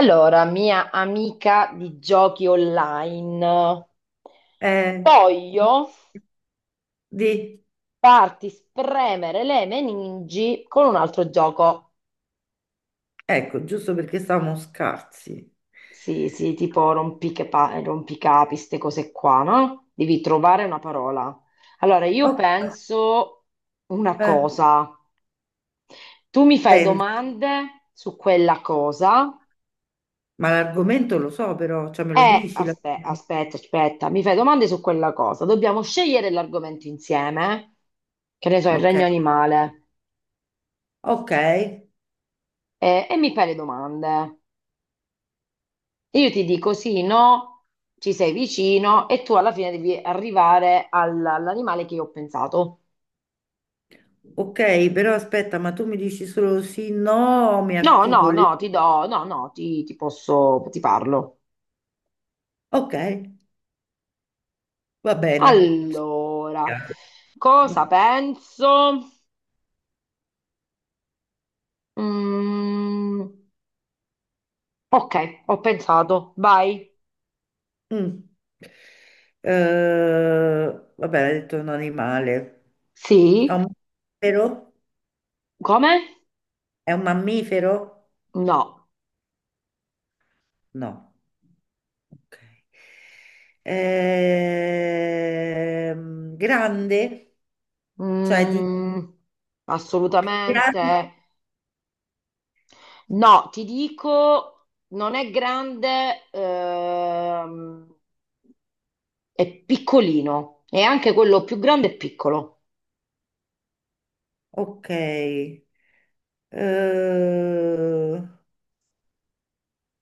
Allora, mia amica di giochi online, Eh, voglio di, farti spremere le meningi con un altro gioco. ecco, giusto perché siamo scarsi. Sì, sì, tipo rompicapi, queste cose qua, no? Devi trovare una parola. Allora, io Oh, penso una eh, cosa. Tu mi fai pensa. domande su quella cosa. Ma l'argomento lo so però, cioè me lo dici? La- Aspetta, aspetta, mi fai domande su quella cosa. Dobbiamo scegliere l'argomento insieme, che ne so, il Ok, regno animale, ok, e mi fai le domande. Io ti dico sì, no, ci sei vicino e tu alla fine devi arrivare all'animale che io ho pensato. ok, però aspetta, ma tu mi dici solo sì, no, o mi No, no, articoli? no, ti do, no, no, ti posso, ti parlo. Ok, va bene. Allora, Va- cosa penso? Mm, ok, ho pensato, vai. Mm. Eh, va bene, ha detto un animale. È un Sì. mammifero? Come? È un mammifero? No. No. Ok. Grande, cioè di Mm, più assolutamente grande. no. Ti dico, non è grande, è piccolino e anche quello più grande è piccolo. Ok. Eh,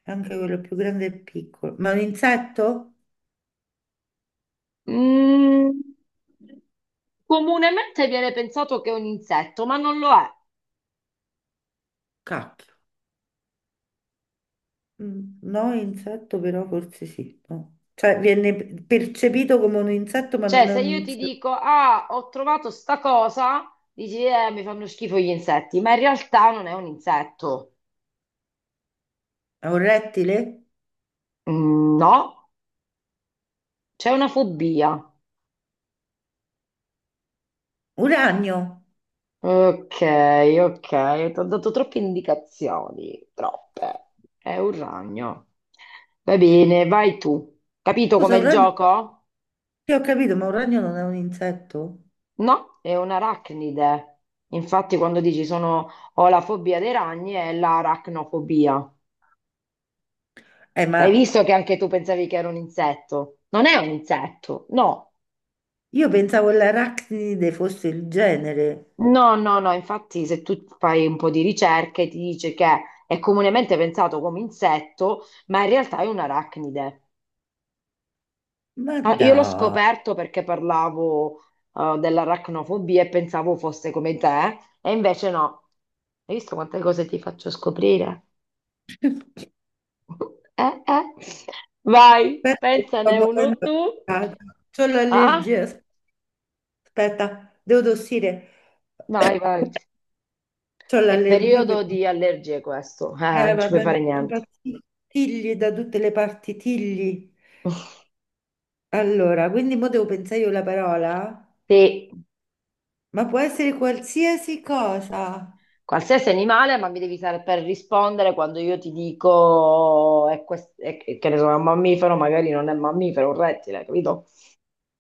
anche quello più grande e piccolo. Ma è un insetto? Mm, comunemente viene pensato che è un insetto, ma non lo è. Cacchio. Mm, no, insetto però forse sì. No. Cioè viene percepito come un insetto, ma Cioè, non è se un io ti insetto. dico, ah, ho trovato sta cosa, dici, mi fanno schifo gli insetti, ma in realtà non è un insetto. È un rettile? No, c'è una fobia. Un ragno. Ok, ok, ti ho dato troppe indicazioni, troppe. È un ragno. Va bene, vai tu. Capito Scusa, com'è un il ragno. gioco? Sì, ho capito, ma un ragno non è un insetto? No, è un'arachnide. Infatti, quando dici sono, ho la fobia dei ragni, è l'arachnofobia. Eh, ma Hai visto che anche tu pensavi che era un insetto? Non è un insetto, no. Io pensavo l'arachnide fosse il genere, No, no, no, infatti se tu fai un po' di ricerche ti dice che è comunemente pensato come insetto, ma in realtà è un'arachnide. ma Ah, io l'ho dai, scoperto perché parlavo dell'aracnofobia e pensavo fosse come te, e invece no. Hai visto quante cose ti faccio scoprire? Eh, eh. Vai, aspetta, che sto pensane uno morendo di tu. caldo. C'ho Ah, l'allergia, aspetta, devo tossire, vai, vai. c'ho È l'allergia per... periodo di allergie questo, non ci puoi vabbè, mi fare niente. impazzisco. Tigli da tutte le parti, tigli. Allora, quindi mo devo pensare io la parola? Sì, Ma può essere qualsiasi cosa. qualsiasi animale, ma mi devi saper rispondere quando io ti dico è che ne so, è un mammifero, magari non è un mammifero, è un rettile, capito?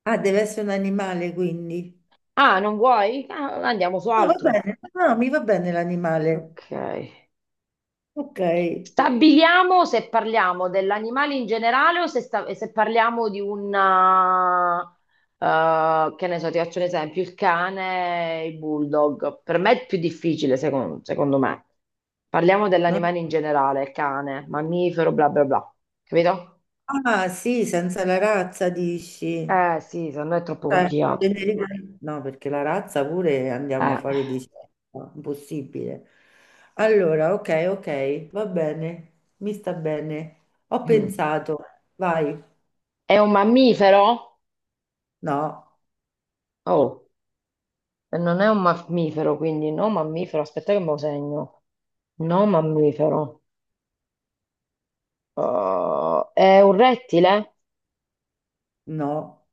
Ah, deve essere un animale, quindi. Ah, non vuoi? Ah, andiamo su No, va altro. bene, no, mi va bene l'animale. Ok. Ok. Stabiliamo se parliamo dell'animale in generale o se, se parliamo di una eh, che ne so, ti faccio un esempio, il cane, e il bulldog. Per me è più difficile, secondo me. Parliamo dell'animale in generale, cane, mammifero, bla bla bla. Capito? Ah, sì, senza la razza dici. Eh sì, se no è troppo Cioè, complicato. generica- No, perché la razza pure andiamo Eh. fuori di scelta, impossibile. Allora, ok, ok, va bene, mi sta bene. Ho Mm. pensato, vai. È un mammifero? No, Oh. E non è un mammifero, quindi no mammifero. Aspetta che me lo segno. No mammifero. È un rettile? no,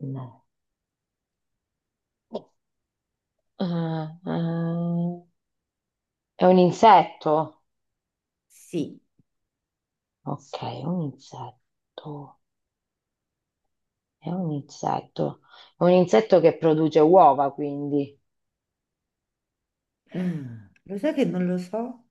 No. Eh, eh, è un insetto? sì. Ok, è un insetto. È un insetto. È un insetto che produce uova, quindi. Lo sai che non lo so?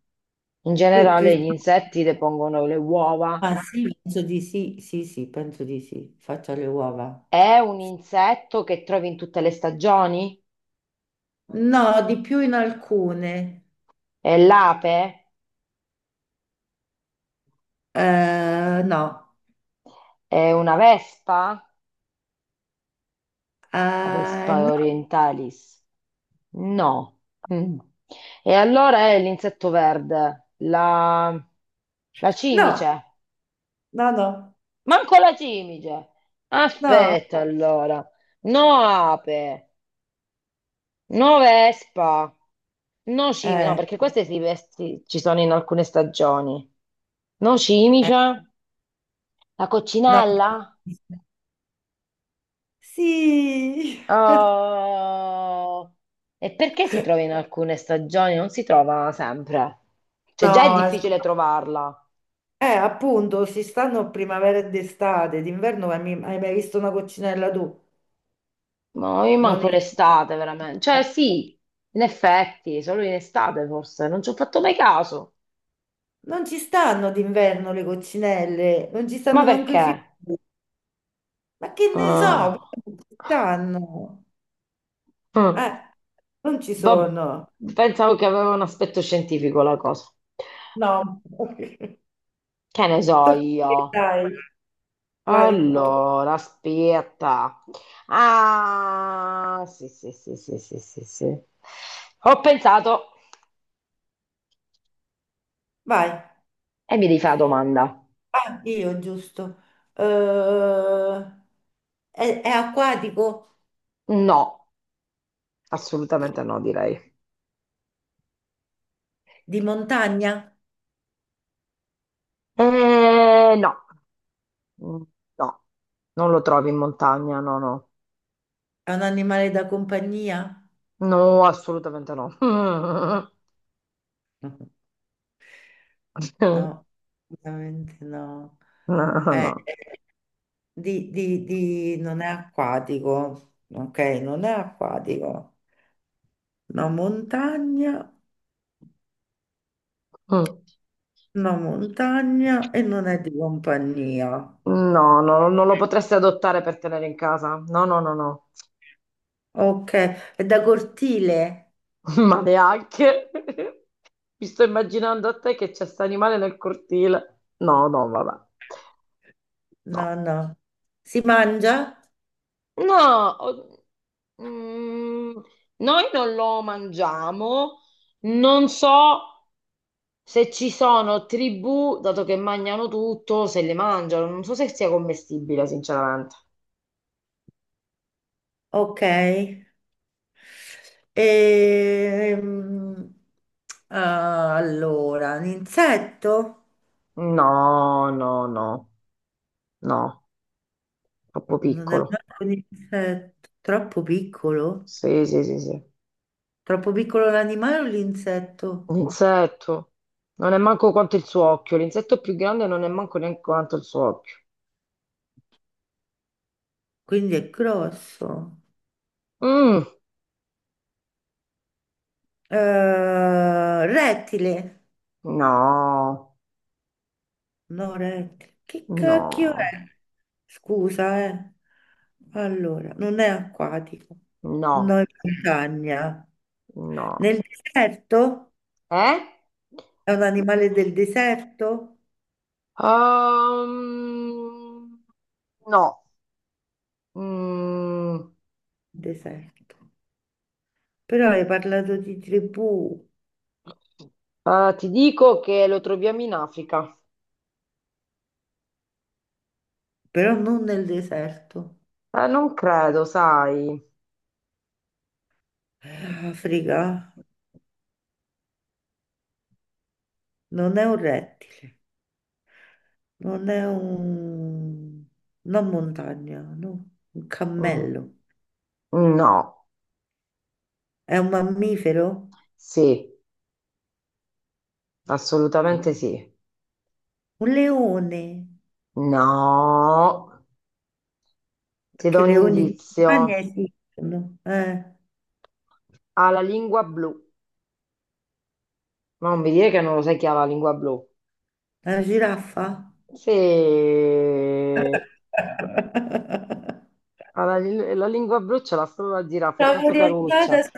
In Per- generale gli insetti depongono le uova. Ah, sì, penso di sì, sì, sì, penso di sì. Faccio le uova. È un insetto che trovi in tutte le stagioni? No, di più in alcune. È l'ape? No. È una vespa? La Vespa No. orientalis? No. Mm. E allora è l'insetto verde, la No, cimice. no, no, Manco la cimice. no, Aspetta allora. No ape, no vespa, no cimice. No, eh, perché queste ci sono in alcune stagioni. No eh, cimice, la no. coccinella? Sì, Oh, e perché si trova in alcune stagioni? Non si trova sempre. Cioè, già è no, è scu- difficile trovarla. Appunto, si stanno primavera ed estate, d'inverno hai mai visto una coccinella tu? Ma io Non manco esiste. l'estate, veramente. Cioè, sì, in effetti, solo in estate forse. Non ci ho fatto mai caso. Non ci stanno d'inverno le coccinelle, non ci Ma stanno manco i perché? fiori, ma che ne so, Ah. però non ci stanno, Mm. eh, non ci Vabb- sono, pensavo che aveva un aspetto scientifico la cosa. no. Che ne so Tocca a io. te, dai, vai, tu- Allora, aspetta. Ah, sì, sì, sì, sì, sì, sì, sì. Ho pensato vai. e mi devi fare la domanda. Ah, io giusto. Eh, è acquatico? No, assolutamente no, direi. Di montagna? No. Mm, no, non lo trovi in montagna, no, no. È un animale da compagnia? No, assolutamente no. No, No, veramente no. Eh, no. non è acquatico. Ok, non è acquatico. No montagna, No, no montagna e non è di compagnia. no, no, non lo potresti adottare per tenere in casa. No, no, no, no. Ok, è da cortile? Ma neanche. Mi sto immaginando a te che c'è sta animale nel cortile. No, no, vabbè. No, No. no. Si mangia? No, o- mm, noi non lo mangiamo. Non so se ci sono tribù, dato che mangiano tutto, se le mangiano. Non so se sia commestibile, sinceramente. Ok. Ehm, allora, un insetto? No, no, no, no, troppo Non è piccolo. manco un insetto, troppo piccolo? Sì, sì, sì, sì. Troppo piccolo l'animale o l'insetto? L'insetto non è manco quanto il suo occhio. L'insetto più grande non è manco neanche quanto il suo occhio. Quindi è grosso. Mm, Rettile? no, No, rettile. Che cacchio no, è? Scusa, eh. Allora, non è acquatico. No, no, in montagna. no. Nel deserto? Eh? È un animale del deserto? Ehm, no. Mm, Deserto. Però hai parlato di tribù, ti dico che lo troviamo in Africa. però non nel deserto. Non credo, sai. Africa non è un rettile, non è un... non montagna, no, un Mm, cammello. no, È un mammifero? sì, Eh. assolutamente sì. Un leone, No, ti do perché un leoni di indizio. montagna esistono. Eh, Ha la lingua blu. Ma non mi dire che non lo sai chi ha la lingua blu. una giraffa? Sì, ha la lingua blu ce l'ha solo la zirafa, è Stavo tanto caruccia. orientata su-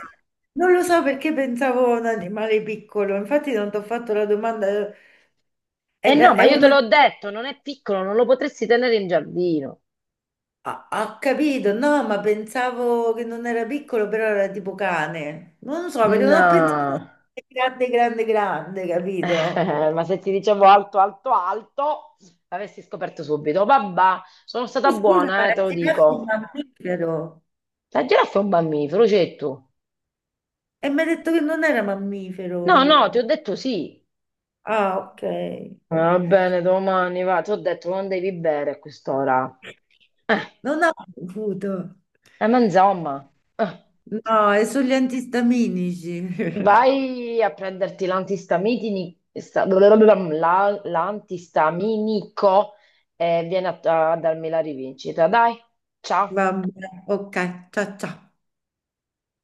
Non lo so perché pensavo a un animale piccolo, infatti non ti ho fatto la domanda. E È, no, la- ma è io te una... l'ho detto, non è piccolo, non lo potresti tenere in giardino. Ha capito, no, ma pensavo che non era piccolo, però era tipo cane. Non lo so, perché non ho pensato No. che grande, grande, grande, capito? Ma se ti dicevo alto, alto, alto, l'avessi scoperto subito. Vabbè, sono stata Ma scusa, ma buona, la te lo giraffa è un dico. mammifero. La giraffa è un mammifero, c'è tu. E mi ha detto che non era No, mammifero. no, ti ho detto sì. Ah, ok. Va bene, domani va. Ti ho detto non devi bere a quest'ora. Non ho saputo. Ma insomma, No, è sugli antistaminici. vai a prenderti l'antistaminico, l'antistaminico e vieni a a darmi la rivincita. Dai, ciao. Vabbè, ok, ciao ciao.